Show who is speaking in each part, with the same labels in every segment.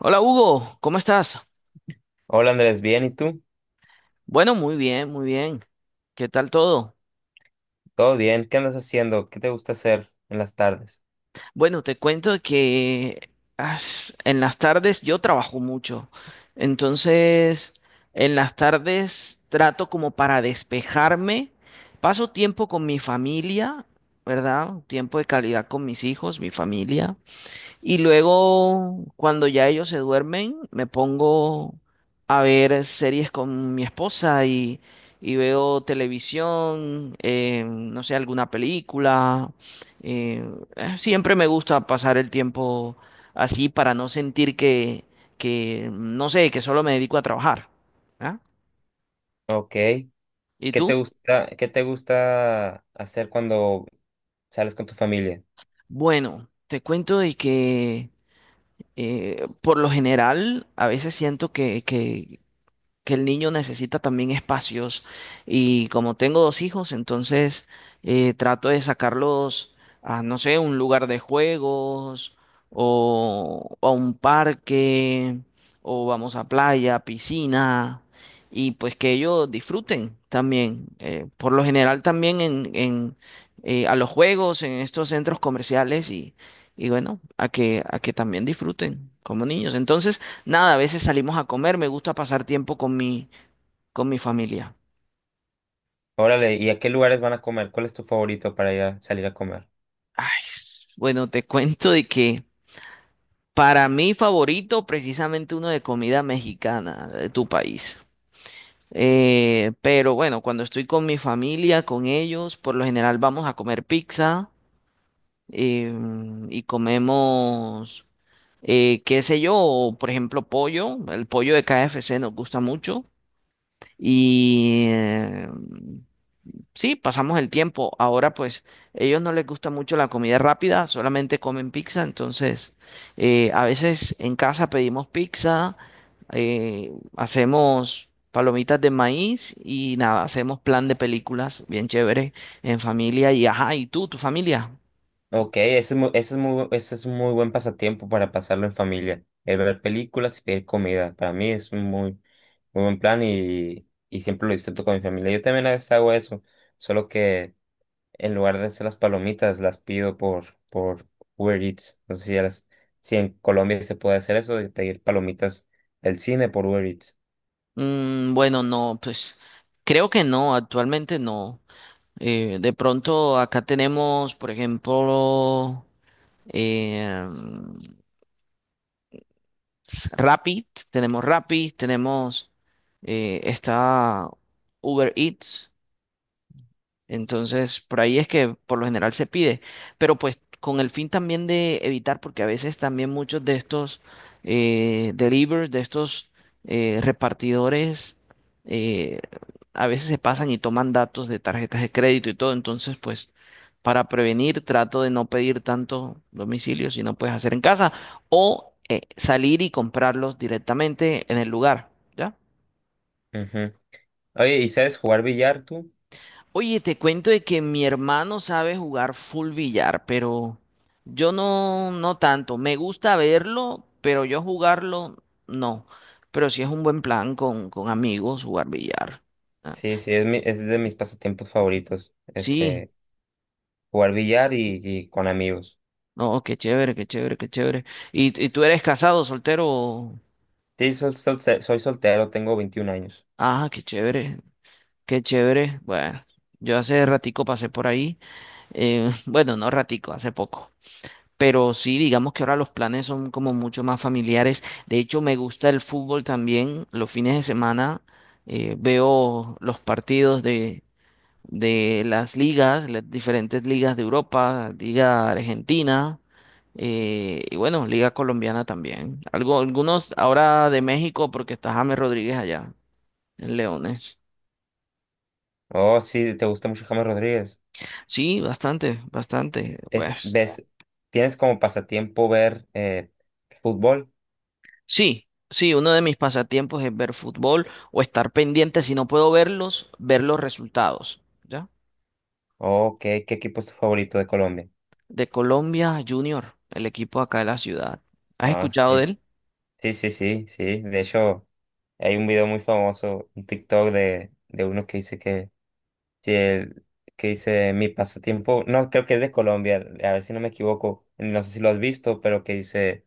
Speaker 1: Hola Hugo, ¿cómo estás?
Speaker 2: Hola Andrés, bien, ¿y tú?
Speaker 1: Bueno, muy bien, muy bien. ¿Qué tal todo?
Speaker 2: Todo bien, ¿qué andas haciendo? ¿Qué te gusta hacer en las tardes?
Speaker 1: Bueno, te cuento que en las tardes yo trabajo mucho. Entonces, en las tardes trato como para despejarme. Paso tiempo con mi familia, ¿verdad? Tiempo de calidad con mis hijos, mi familia. Y luego, cuando ya ellos se duermen, me pongo a ver series con mi esposa y veo televisión, no sé, alguna película. eh, Siempre me gusta pasar el tiempo así para no sentir que, no sé, que solo me dedico a trabajar. ¿Ah?
Speaker 2: Ok,
Speaker 1: ¿Y tú?
Speaker 2: ¿qué te gusta hacer cuando sales con tu familia?
Speaker 1: Bueno, te cuento de que por lo general a veces siento que el niño necesita también espacios, y como tengo dos hijos, entonces trato de sacarlos a, no sé, un lugar de juegos o a un parque, o vamos a playa, piscina, y pues que ellos disfruten también. Por lo general también a los juegos, en estos centros comerciales y bueno, a que también disfruten como niños. Entonces, nada, a veces salimos a comer, me gusta pasar tiempo con con mi familia.
Speaker 2: Órale, ¿y a qué lugares van a comer? ¿Cuál es tu favorito para ir a salir a comer?
Speaker 1: Ay, bueno, te cuento de que para mí favorito, precisamente uno de comida mexicana de tu país. Pero bueno, cuando estoy con mi familia, con ellos, por lo general vamos a comer pizza, eh, y comemos, qué sé yo, por ejemplo, pollo. El pollo de KFC nos gusta mucho. Y eh, Sí, pasamos el tiempo. Ahora pues ellos no les gusta mucho la comida rápida, solamente comen pizza, entonces a veces en casa pedimos pizza, hacemos palomitas de maíz y nada, hacemos plan de películas bien chévere en familia y ajá, ¿y tú, tu familia?
Speaker 2: Ok, ese es un muy buen pasatiempo para pasarlo en familia. El ver películas y pedir comida. Para mí es un muy, muy buen plan y siempre lo disfruto con mi familia. Yo también a veces hago eso, solo que en lugar de hacer las palomitas, las pido por Uber Eats. No sé si, a las- Si en Colombia se puede hacer eso de pedir palomitas del cine por Uber Eats.
Speaker 1: Mm, bueno, no, pues creo que no, actualmente no. De pronto acá tenemos, por ejemplo, eh, Rappi, tenemos está Uber Eats, entonces, por ahí es que por lo general se pide, pero pues con el fin también de evitar, porque a veces también muchos de estos delivers, de estos repartidores, eh, a veces se pasan y toman datos de tarjetas de crédito y todo. Entonces, pues para prevenir, trato de no pedir tanto domicilio si no puedes hacer en casa o salir y comprarlos directamente en el lugar, ¿ya?
Speaker 2: Ujú. Oye, ¿y sabes jugar billar tú?
Speaker 1: Oye, te cuento de que mi hermano sabe jugar full billar, pero yo no, no tanto. Me gusta verlo, pero yo jugarlo no. Pero sí es un buen plan con amigos jugar billar. Ah,
Speaker 2: Sí, sí, es de mis pasatiempos favoritos.
Speaker 1: sí,
Speaker 2: Este, jugar billar y con amigos.
Speaker 1: no, qué chévere, qué chévere, qué chévere. Y tú eres casado, soltero?
Speaker 2: Sí, soy soltero, tengo 21 años.
Speaker 1: Ah, qué chévere, qué chévere. Bueno, yo hace ratico pasé por ahí. Bueno, no ratico, hace poco. Pero sí, digamos que ahora los planes son como mucho más familiares. De hecho, me gusta el fútbol también. Los fines de semana veo los partidos de las ligas, las diferentes ligas de Europa, Liga Argentina, y bueno, Liga Colombiana también. Algo, algunos ahora de México porque está James Rodríguez allá en Leones.
Speaker 2: Oh, sí, te gusta mucho James Rodríguez.
Speaker 1: Sí, bastante, bastante.
Speaker 2: Es,
Speaker 1: Pues.
Speaker 2: ¿ves? ¿Tienes como pasatiempo ver fútbol?
Speaker 1: Sí, sí, uno de mis pasatiempos es ver fútbol o estar pendiente, si no puedo verlos, ver los resultados, ¿ya?
Speaker 2: Oh, ¿qué equipo es tu favorito de Colombia?
Speaker 1: De Colombia Junior, el equipo acá de la ciudad. ¿Has
Speaker 2: Ah,
Speaker 1: escuchado de
Speaker 2: sí.
Speaker 1: él?
Speaker 2: Sí, sí, sí, sí. De hecho, hay un video muy famoso, un TikTok de uno si el- que dice mi pasatiempo. No, creo que es de Colombia, a ver si no me equivoco, no sé si lo has visto, pero que dice,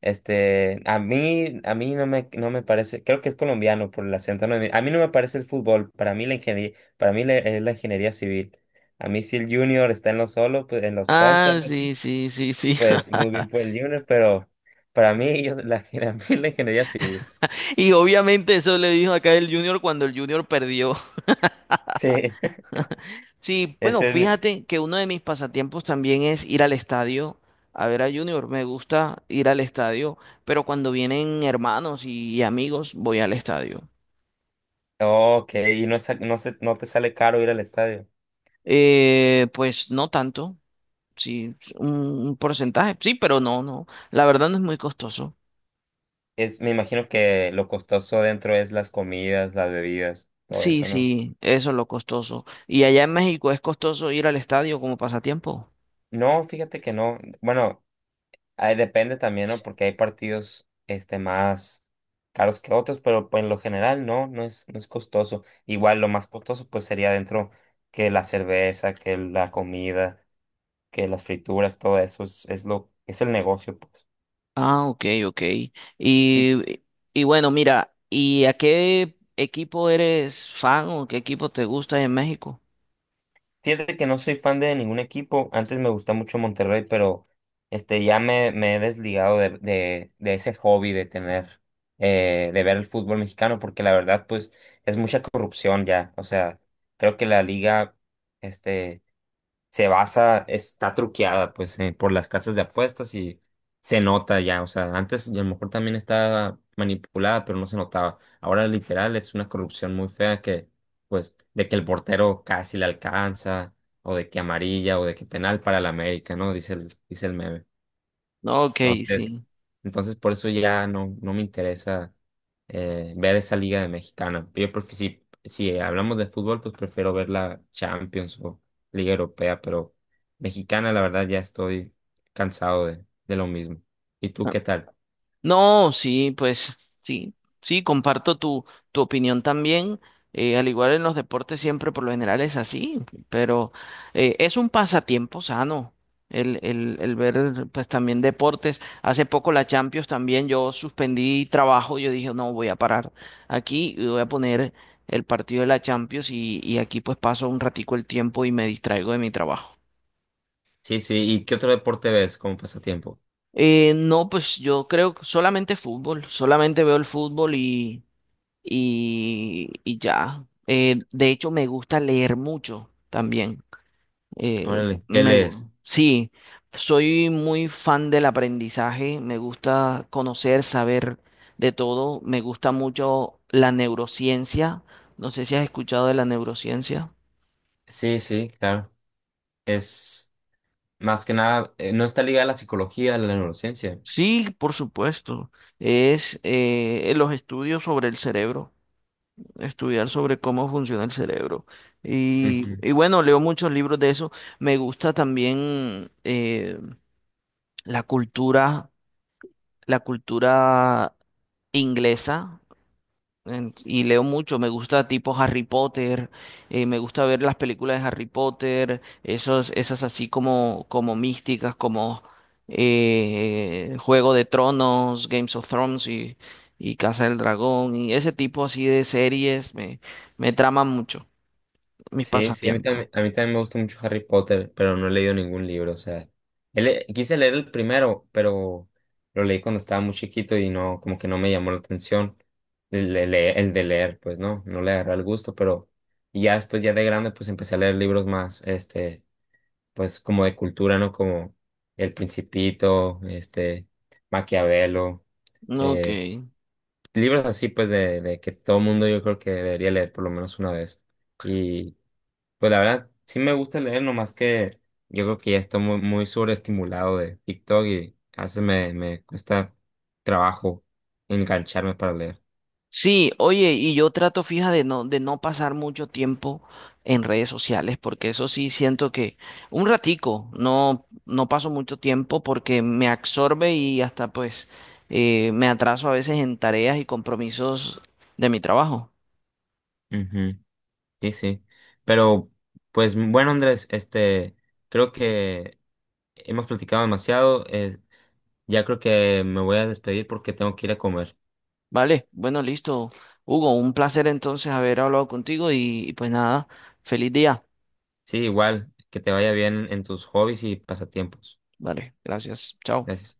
Speaker 2: este, a mí no me, no me parece. Creo que es colombiano por el acento. No, a mí no me parece el fútbol, para mí la ingeniería, es la ingeniería civil. A mí si el junior está en los solos, pues en los 11,
Speaker 1: Ah,
Speaker 2: algo así,
Speaker 1: sí, sí, sí, sí.
Speaker 2: pues muy bien por el junior, pero para mí, yo, la, a mí la ingeniería civil.
Speaker 1: Y obviamente eso le dijo acá el Junior cuando el Junior perdió.
Speaker 2: Sí,
Speaker 1: Sí, bueno,
Speaker 2: ese es mi...
Speaker 1: fíjate que uno de mis pasatiempos también es ir al estadio a ver a Junior. Me gusta ir al estadio, pero cuando vienen hermanos y amigos voy al estadio.
Speaker 2: Ok, y no, no te sale caro ir al estadio.
Speaker 1: Pues no tanto, sí, un porcentaje, sí, pero no, no, la verdad no es muy costoso.
Speaker 2: Es, me imagino que lo costoso dentro es las comidas, las bebidas, todo
Speaker 1: Sí,
Speaker 2: eso, ¿no?
Speaker 1: sí, eso es lo costoso. ¿Y allá en México es costoso ir al estadio como pasatiempo?
Speaker 2: No, fíjate que no. Bueno, ahí depende también, ¿no? Porque hay partidos este, más caros que otros, pero pues, en lo general no, no es costoso. Igual lo más costoso pues sería dentro que la cerveza, que la comida, que las frituras, todo eso es el negocio, pues.
Speaker 1: Ah, ok, ok. Y, y bueno, mira, ¿y a qué equipo eres fan o qué equipo te gusta en México?
Speaker 2: Fíjate que no soy fan de ningún equipo. Antes me gustaba mucho Monterrey, pero este ya me he desligado de ese hobby de tener, de ver el fútbol mexicano, porque la verdad, pues, es mucha corrupción ya. O sea, creo que la liga, este se basa, está truqueada pues por las casas de apuestas y se nota ya. O sea, antes y a lo mejor también estaba manipulada, pero no se notaba. Ahora literal es una corrupción muy fea que pues de que el portero casi le alcanza o de que amarilla o de que penal para la América, ¿no? Dice el meme.
Speaker 1: Ok,
Speaker 2: Entonces,
Speaker 1: sí.
Speaker 2: entonces por eso ya no me interesa ver esa liga de mexicana. Yo si hablamos de fútbol, pues prefiero ver la Champions o Liga Europea, pero mexicana, la verdad, ya estoy cansado de lo mismo. ¿Y tú qué tal?
Speaker 1: No, sí, pues sí, sí, comparto tu opinión también. Al igual en los deportes siempre por lo general es así, pero es un pasatiempo sano el ver pues también deportes. Hace poco la Champions también, yo suspendí trabajo, yo dije no, voy a parar aquí y voy a poner el partido de la Champions y aquí pues paso un ratico el tiempo y me distraigo de mi trabajo.
Speaker 2: Sí, sí, ¿y qué otro deporte ves como pasatiempo?
Speaker 1: No, pues yo creo que solamente fútbol, solamente veo el fútbol y ya. De hecho, me gusta leer mucho también. Eh,
Speaker 2: Órale, ¿qué lees?
Speaker 1: sí, soy muy fan del aprendizaje, me gusta conocer, saber de todo, me gusta mucho la neurociencia. No sé si has escuchado de la neurociencia.
Speaker 2: Sí, sí, claro. Es más que nada, no está ligada a la psicología, a la neurociencia.
Speaker 1: Sí, por supuesto. Es los estudios sobre el cerebro. Estudiar sobre cómo funciona el cerebro.
Speaker 2: Ujú.
Speaker 1: Y bueno, leo muchos libros de eso. Me gusta también la cultura, la cultura inglesa. Y leo mucho, me gusta tipo Harry Potter, me gusta ver las películas de Harry Potter, esas así como, como místicas, como Juego de Tronos, Games of Thrones y Casa del Dragón, y ese tipo así de series me traman mucho. Mis
Speaker 2: Sí, sí,
Speaker 1: pasatiempos.
Speaker 2: a mí también me gusta mucho Harry Potter, pero no he leído ningún libro. O sea, quise leer el primero, pero lo leí cuando estaba muy chiquito y no, como que no me llamó la atención el de leer. Pues no, no le agarré el gusto, pero y ya después, ya de grande, pues empecé a leer libros más, este, pues como de cultura, ¿no? Como El Principito, este, Maquiavelo,
Speaker 1: ¿No? Ok.
Speaker 2: eh, libros así, pues, de que todo mundo yo creo que debería leer por lo menos una vez. Y pues la verdad, sí me gusta leer, nomás que yo creo que ya estoy muy, muy sobreestimulado de TikTok y a veces me cuesta trabajo engancharme para leer.
Speaker 1: Sí, oye, y yo trato, fija, de no pasar mucho tiempo en redes sociales, porque eso sí siento que un ratico, no, no paso mucho tiempo porque me absorbe y hasta pues me atraso a veces en tareas y compromisos de mi trabajo.
Speaker 2: Ujú. Sí, sí. Pero, pues bueno, Andrés, este, creo que hemos platicado demasiado. Ya creo que me voy a despedir porque tengo que ir a comer.
Speaker 1: Vale, bueno, listo. Hugo, un placer entonces haber hablado contigo y pues nada, feliz día.
Speaker 2: Sí, igual, que te vaya bien en tus hobbies y pasatiempos.
Speaker 1: Vale, gracias. Chao.
Speaker 2: Gracias.